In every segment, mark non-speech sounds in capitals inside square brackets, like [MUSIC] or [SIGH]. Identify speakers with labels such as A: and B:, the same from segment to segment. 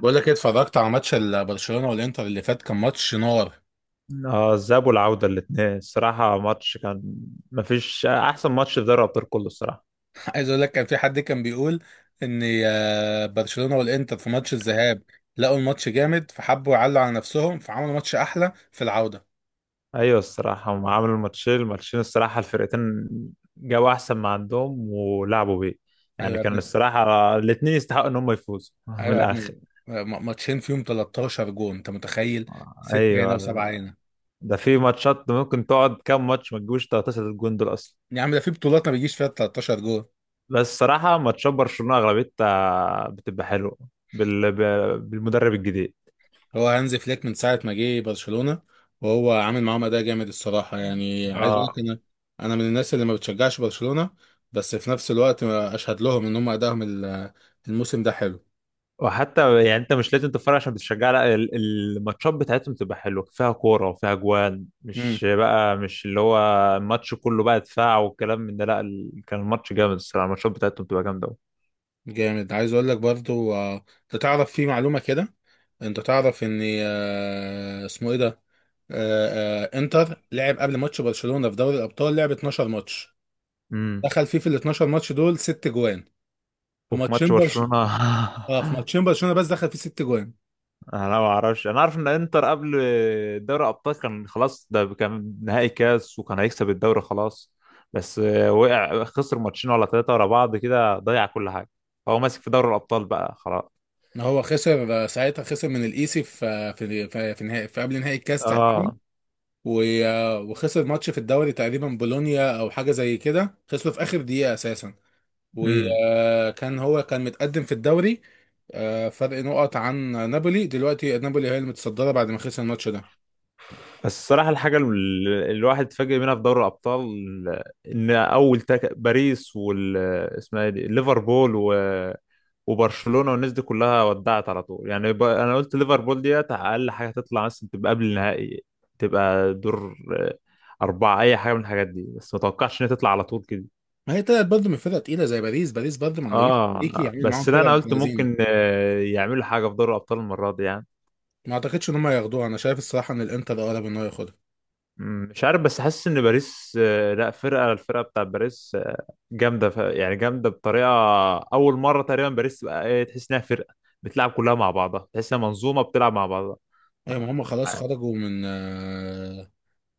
A: بقول لك ايه، اتفرجت على ماتش برشلونه والانتر اللي فات. كان ماتش نار.
B: اه، الذهاب والعودة الاتنين الصراحة ماتش كان. مفيش أحسن ماتش في دوري الأبطال كله الصراحة.
A: [LAUGHS] عايز اقول لك كان في حد كان بيقول ان برشلونه والانتر في ماتش الذهاب لقوا الماتش جامد فحبوا يعلوا على نفسهم فعملوا ماتش احلى في العوده.
B: أيوة الصراحة هم عملوا الماتشين الصراحة الفرقتين جابوا أحسن ما عندهم ولعبوا بيه.
A: ايوه
B: يعني
A: يا
B: كان
A: ابني،
B: الصراحة الاتنين يستحقوا إن هم يفوزوا [LAUGHS] من
A: ايوه يا
B: الآخر.
A: ابني. ماتشين فيهم 13 جون، انت متخيل؟ ستة هنا
B: أيوة،
A: وسبعة هنا.
B: ده في ماتشات ممكن تقعد كام ماتش ما تجيبوش 13 جون دول أصلا.
A: يا عم ده في بطولات ما بيجيش فيها 13 جون.
B: بس الصراحة ماتشات برشلونة أغلبيتها بتبقى حلوة بالمدرب الجديد.
A: هو هانز فليك من ساعة ما جه برشلونة، وهو عامل معاهم أداء جامد الصراحة. يعني عايز أقول لك،
B: اه.
A: أنا من الناس اللي ما بتشجعش برشلونة، بس في نفس الوقت أشهد لهم إن هم أدائهم الموسم ده حلو.
B: وحتى يعني انت مش لازم تتفرج عشان بتشجع، لا، الماتشات بتاعتهم تبقى حلوه فيها كوره وفيها جوان،
A: امم
B: مش بقى مش اللي هو الماتش كله بقى دفاع والكلام من ده. لا، كان الماتش جامد الصراحه، الماتشات بتاعتهم تبقى جامده أوي.
A: جامد. عايز أقول لك برضو، أنت تعرف في معلومة كده، أنت تعرف إن اسمه إيه ده، إنتر لعب قبل ماتش برشلونة في دوري الأبطال لعب 12 ماتش،
B: امم
A: دخل فيه في ال 12 ماتش دول ست جوان. في
B: وفي ماتش
A: ماتشين برش...
B: برشلونه.
A: اه في
B: [LAUGHS]
A: ماتشين برشلونة بس دخل فيه ست جوان.
B: انا ما اعرفش، انا عارف ان انتر قبل دوري ابطال كان خلاص، ده كان نهائي كاس وكان هيكسب الدوري خلاص. بس وقع، خسر ماتشين ولا ثلاثه ورا بعض كده، ضيع كل حاجه. هو ماسك في دوري الابطال بقى خلاص.
A: هو خسر ساعتها، خسر من الايسي في قبل نهائي الكاس تقريبا.
B: اه.
A: وخسر ماتش في الدوري تقريبا بولونيا او حاجه زي كده، خسره في اخر دقيقه اساسا.
B: امم
A: وكان هو كان متقدم في الدوري. فرق نقط عن نابولي. دلوقتي نابولي هي المتصدره بعد ما خسر الماتش ده.
B: بس الصراحة الحاجة اللي الواحد اتفاجئ منها في دوري الأبطال، إن باريس وال اسمها إيه دي ليفربول وبرشلونة والناس دي كلها ودعت على طول. يعني أنا قلت ليفربول ديت أقل حاجة تطلع مثلا تبقى قبل النهائي، تبقى دور أربعة، أي حاجة من الحاجات دي، بس ما توقعش إنها تطلع على طول كده.
A: ما هي طلعت برضه من فرقه تقيله زي باريس. باريس برضه مع لويس انريكي
B: آه
A: عامل معاهم
B: بس لا،
A: فرقه
B: أنا قلت
A: متميزين.
B: ممكن يعملوا حاجة في دوري الأبطال المرة دي يعني.
A: ما اعتقدش ان هم ياخدوها. انا شايف الصراحه ان الانتر اقرب ان هو ياخدها.
B: مش عارف، بس حاسس إن باريس، لا، فرقة، الفرقة بتاع باريس جامده. يعني جامده بطريقه، اول مره تقريبا باريس تبقى ايه، تحس انها فرقه بتلعب كلها مع بعضها، تحس انها منظومه بتلعب مع بعضها.
A: ايوه ما هم خلاص خرجوا من آه،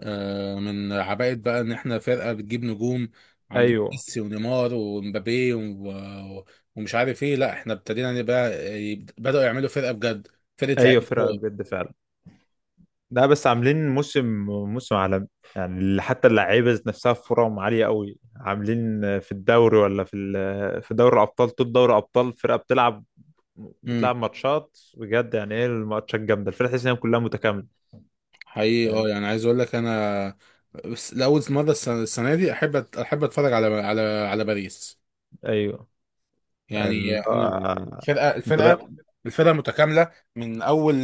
A: آه، من عباءة بقى ان احنا فرقة بتجيب نجوم، عندنا
B: ايوه،
A: ميسي ونيمار ومبابي ومش عارف ايه. لا احنا ابتدينا نبقى، بدأوا يعملوا فرقة بجد، فرقة
B: ايوه،
A: لعيبة
B: فرقه
A: كورة.
B: بجد فعلا. لا بس عاملين موسم، موسم عالمي. يعني حتى اللعيبه ذات نفسها فرقهم عاليه قوي، عاملين في الدوري ولا في في دوري الابطال، طول دوري ابطال فرقه بتلعب،
A: امم
B: بتلعب ماتشات بجد. يعني ايه، الماتشات جامده، الفرقه تحس انها كلها متكامله.
A: حقيقي. اه يعني عايز اقول لك انا، بس لأول مرة السنة دي احب، احب اتفرج على باريس.
B: ايوه.
A: يعني
B: ال...
A: انا
B: آه،
A: الفرقة
B: انت بقى.
A: الفرقة الفرقة متكاملة، من أول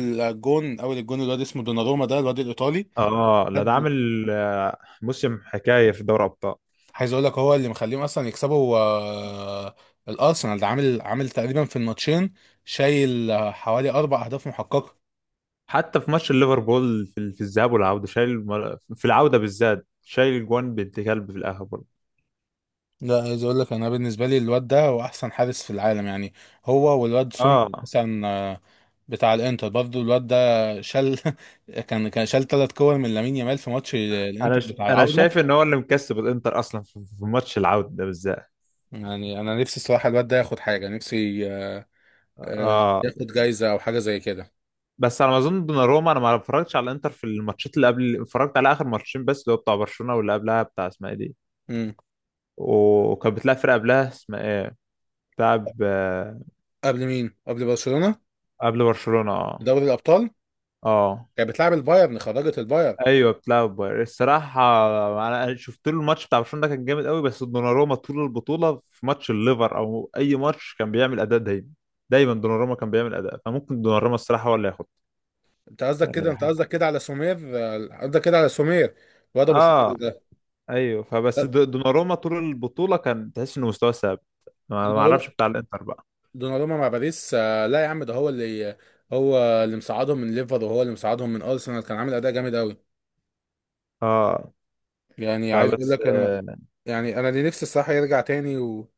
A: جون، أول الجون الواد اسمه دوناروما ده، الواد الإيطالي.
B: اه لا، ده عامل موسم حكايه في دوري ابطال.
A: عايز اقول لك هو اللي مخليهم اصلا يكسبوا. الارسنال ده عامل تقريبا في الماتشين، شايل حوالي اربع اهداف محققه.
B: حتى في ماتش ليفربول في الذهاب والعوده شايل، في العوده بالذات شايل الجوان بنت كلب في الاخر برضه.
A: لا عايز اقول لك انا بالنسبه لي الواد ده هو احسن حارس في العالم يعني، هو والواد سوم
B: اه.
A: مثلا، بتاع الانتر برضه الواد ده، شال [LAUGHS] كان شال ثلاث كور من لامين يامال في ماتش
B: انا
A: الانتر بتاع
B: انا
A: العوده.
B: شايف ان هو اللي مكسب الانتر اصلا في ماتش العوده ده بالذات.
A: يعني انا نفسي الصراحه الواد ده ياخد حاجه، نفسي
B: اه
A: ياخد جايزه او حاجه زي كده.
B: بس على ما اظن دوناروما، انا ما اتفرجتش على الانتر في الماتشات اللي قبل، اتفرجت على اخر ماتشين بس اللي هو بتاع برشلونه واللي قبلها بتاع اسمها ايه دي.
A: مم.
B: وكانت بتلعب فرقه قبلها اسمها ايه، بتلعب
A: قبل مين؟ قبل برشلونه
B: قبل برشلونه. اه.
A: دوري الابطال
B: اه
A: كانت بتلعب البايرن. خرجت البايرن.
B: ايوه، بتلعب بايرن الصراحه. انا شفت له الماتش بتاع برشلونه ده كان جامد قوي، بس دوناروما طول البطوله في ماتش الليفر او اي ماتش كان بيعمل اداء دايما، دايما دوناروما كان بيعمل اداء، فممكن دوناروما الصراحه هو اللي ياخد.
A: انت قصدك كده
B: يعني
A: انت
B: ح-
A: قصدك كده على سومير، قصدك كده على سومير، الواد ابو شكر
B: اه
A: ده.
B: ايوه. فبس
A: لا،
B: دوناروما طول البطوله كان تحس انه مستواه ثابت. ما
A: دوناروما
B: اعرفش بتاع الانتر بقى.
A: دوناروما مع باريس. لا يا عم ده هو اللي مساعدهم من ليفر، وهو اللي مساعدهم من ارسنال، كان عامل اداء جامد قوي.
B: اه
A: يعني عايز اقول
B: فبس
A: لك انا، يعني انا اللي نفسي الصراحه يرجع تاني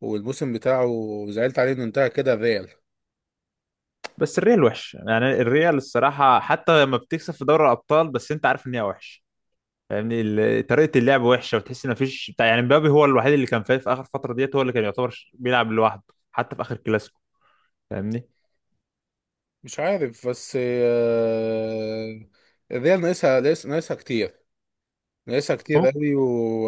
A: والموسم بتاعه. زعلت عليه انه انتهى كده الريال.
B: بس الريال وحش، يعني الريال الصراحه حتى لما بتكسب في دوري الابطال، بس انت عارف ان هي وحش. فاهمني طريقه اللعب وحشه، وتحس ان مفيش بتاع، يعني مبابي هو الوحيد اللي كان فايق في اخر فتره ديت، هو اللي كان يعتبر بيلعب لوحده حتى في اخر كلاسيكو. فاهمني.
A: مش عارف، بس الريال ناقصها كتير، ناقصها كتير
B: مم-
A: قوي،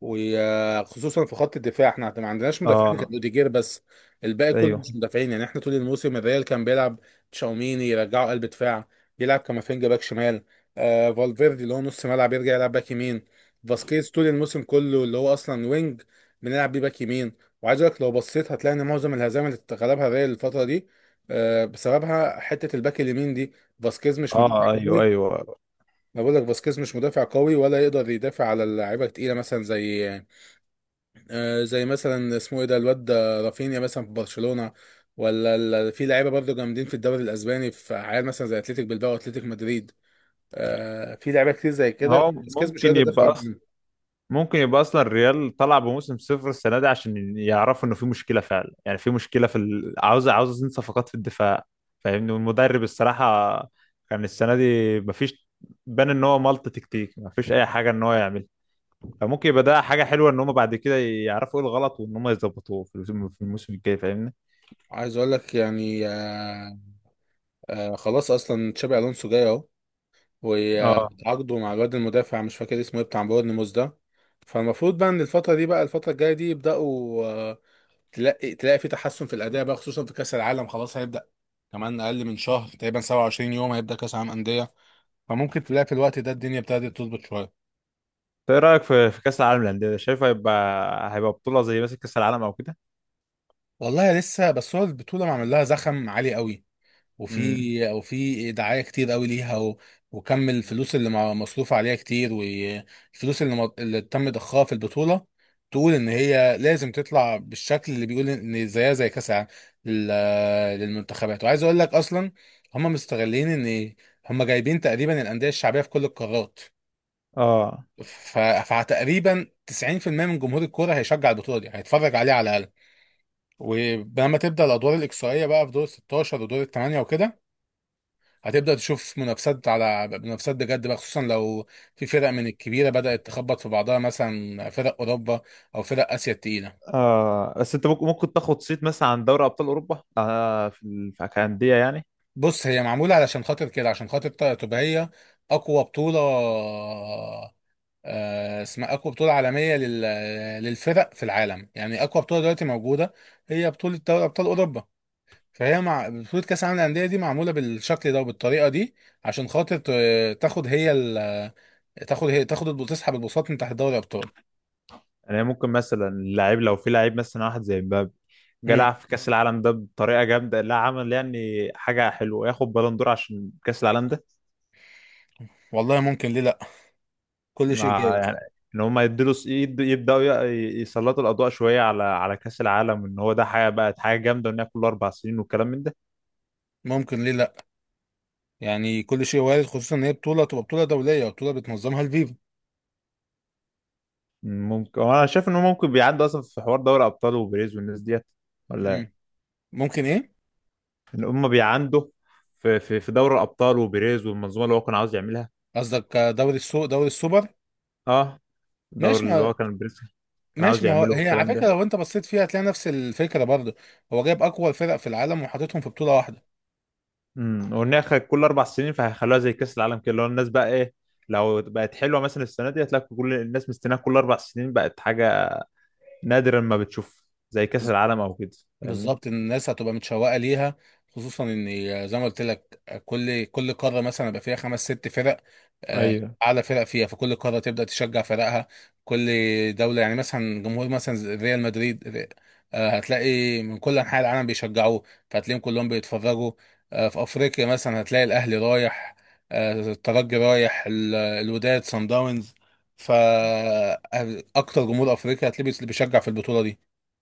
A: وخصوصا في خط الدفاع. احنا ما عندناش مدافعين غير
B: اه
A: اوديجير بس. الباقي كله مش
B: ايوه.
A: مدافعين. يعني احنا طول الموسم الريال كان بيلعب تشاوميني يرجعه قلب دفاع، يلعب كامافينجا باك شمال، فالفيردي اللي هو نص ملعب يرجع يلعب باك يمين، فاسكيز طول الموسم كله اللي هو اصلا وينج بنلعب بيه باك يمين. وعايز اقول لك لو بصيت هتلاقي ان معظم الهزائم اللي غلبها الريال الفتره دي بسببها حته الباك اليمين دي. فاسكيز مش
B: اه
A: مدافع
B: ايوه،
A: قوي.
B: ايوه.
A: ما بقول لك فاسكيز مش مدافع قوي، ولا يقدر يدافع على اللعيبه التقيله، مثلا زي مثلا اسمه ايه ده الواد ده رافينيا مثلا في برشلونة، ولا في لعيبه برضه جامدين في الدوري الاسباني. في عيال مثلا زي اتلتيك بلباو واتلتيك مدريد، في لعيبه كتير زي كده،
B: هو
A: بس كاس مش
B: ممكن
A: هيقدر يدافع
B: يبقى اصلا،
A: عنهم.
B: ممكن يبقى اصلا الريال طلع بموسم صفر السنه دي عشان يعرفوا انه في مشكله فعلا، يعني في مشكله في عاوزين صفقات في الدفاع. فاهمني. والمدرب الصراحه كان السنه دي مفيش، بان ان هو ملط تكتيك، مفيش اي حاجه ان هو يعمل. فممكن يبقى ده حاجه حلوه ان هم بعد كده يعرفوا ايه الغلط، وان هم يظبطوه في الموسم، في الموسم الجاي. فاهمني.
A: عايز اقول لك يعني، خلاص اصلا تشابي الونسو جاي اهو،
B: اه.
A: وعقده مع الواد المدافع مش فاكر اسمه ايه بتاع بورنموث ده. فالمفروض بقى ان الفتره دي، بقى الفتره الجايه دي يبداوا، تلاقي في تحسن في الاداء بقى، خصوصا في كاس العالم خلاص هيبدا كمان اقل من شهر تقريبا. 27 يوم هيبدا كاس عالم انديه. فممكن تلاقي في الوقت ده الدنيا ابتدت تظبط شويه.
B: طيب ايه رايك في كاس العالم للانديه ده؟ شايف هيبقى، هيبقى بطوله زي مثلا كاس العالم او كده؟
A: والله لسه، بس هو البطوله معمل لها زخم عالي قوي،
B: امم.
A: وفي دعايه كتير قوي ليها، و... وكم الفلوس اللي مصروف عليها كتير، والفلوس اللي تم ضخها في البطوله تقول ان هي لازم تطلع بالشكل اللي بيقول ان زيها زي كاس العالم لل... للمنتخبات. وعايز اقول لك اصلا، هم مستغلين ان هم جايبين تقريبا الانديه الشعبيه في كل القارات،
B: اه،
A: فتقريبا 90% من جمهور الكوره هيشجع البطوله دي، هيتفرج عليها على الاقل. ولما تبدا الادوار الاقصائيه بقى، في دور 16 ودور الثمانيه وكده، هتبدأ تشوف منافسات على منافسات بجد بقى، خصوصا لو في فرق من الكبيرة بدأت تخبط في بعضها، مثلا فرق أوروبا أو فرق آسيا التقيلة.
B: اه بس انت ممكن، ممكن تاخد صيت مثلا عن دوري ابطال اوروبا في كانديه يعني.
A: بص هي معمولة علشان خاطر كده، عشان خاطر تبقى هي أقوى بطولة، اسمها أقوى بطولة عالمية للفرق في العالم. يعني أقوى بطولة دلوقتي موجودة هي بطولة دوري أبطال أوروبا. فهي مع بطولة كأس العالم للأندية دي معمولة بالشكل ده وبالطريقة دي عشان خاطر تاخد هي ال... تاخد هي تاخد الب- تسحب البساط من تحت دوري الأبطال.
B: يعني ممكن مثلا اللاعب لو في لاعب مثلا واحد زي مبابي جه
A: امم
B: لعب في كاس العالم ده بطريقه جامده، لا عمل يعني حاجه حلوه، ياخد بالون دور عشان كاس العالم ده.
A: والله ممكن، ليه لا؟ كل شيء
B: مع
A: جايز.
B: يعني ان هم يدوا، يبداوا يسلطوا الاضواء شويه على كاس العالم، وان هو ده حاجه، بقت حاجه جامده، وان هي كل اربع سنين والكلام من ده.
A: ممكن ليه لا، يعني كل شيء وارد، خصوصا ان هي بطوله تبقى بطوله دوليه وبطوله بتنظمها الفيفا.
B: ممكن. انا شايف ان هم ممكن بيعندوا اصلا، في حوار دوري ابطال وبيريز والناس ديت، ولا
A: امم ممكن ايه.
B: ان هم بيعندوا في دوري الابطال وبيريز والمنظومه اللي هو كان عاوز يعملها.
A: قصدك دوري السوبر.
B: اه، الدوري
A: ماشي
B: اللي
A: ما
B: هو كان بيريز كان
A: ماشي
B: عاوز
A: ما هو
B: يعمله
A: هي على
B: والكلام
A: فكره
B: ده.
A: لو انت بصيت فيها هتلاقي نفس الفكره برضه. هو جايب اقوى الفرق في العالم وحاططهم في بطوله واحده.
B: امم. وان هي كل اربع سنين، فهيخلوها زي كاس العالم كده، اللي هو الناس بقى ايه، لو بقت حلوه مثلا السنه دي هتلاقي كل الناس مستناها، كل اربع سنين بقت حاجه نادرا ما بتشوف، زي كاس العالم او كده. فاهمني.
A: بالظبط إن الناس هتبقى متشوقه ليها، خصوصا ان زي ما قلت لك كل قاره مثلا يبقى فيها خمس ست فرق، آه،
B: ايوه.
A: اعلى فرق فيها، فكل قاره تبدا تشجع فرقها. كل دوله يعني، مثلا جمهور مثلا زي ريال مدريد، هتلاقي من كل انحاء العالم بيشجعوه، فهتلاقيهم كلهم بيتفرجوا، في افريقيا مثلا هتلاقي الاهلي رايح، الترجي رايح، الوداد، سان داونز. فاكتر جمهور افريقيا هتلاقيه بيشجع في البطوله دي.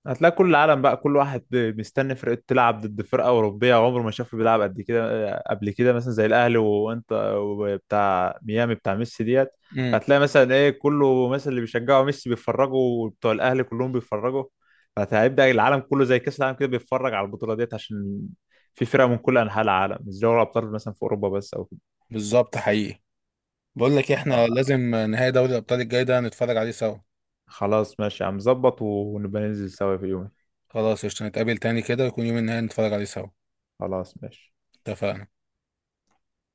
B: هتلاقي كل العالم بقى كل واحد مستني فرقته تلعب ضد فرقه اوروبيه عمره ما شافه بيلعب قد كده، قبل كده مثلا زي الاهلي وانت وبتاع ميامي بتاع ميسي ديت.
A: امم
B: هتلاقي مثلا ايه، كله مثلا اللي بيشجعوا ميسي بيتفرجوا، وبتوع الاهلي كلهم بيتفرجوا. فهيبدأ العالم كله زي كاس العالم كده بيتفرج على البطوله ديت، عشان في فرق من كل انحاء العالم، مش دوري ابطال مثلا في اوروبا بس او كده.
A: بالظبط. حقيقي. بقول لك إيه، احنا لازم نهائي دوري الابطال الجاي ده نتفرج عليه سوا.
B: خلاص ماشي، هنظبط ونبقى ننزل سوا في يوم.
A: خلاص قشطة، نتقابل تاني كده ويكون يوم النهائي نتفرج عليه سوا.
B: خلاص ماشي.
A: اتفقنا.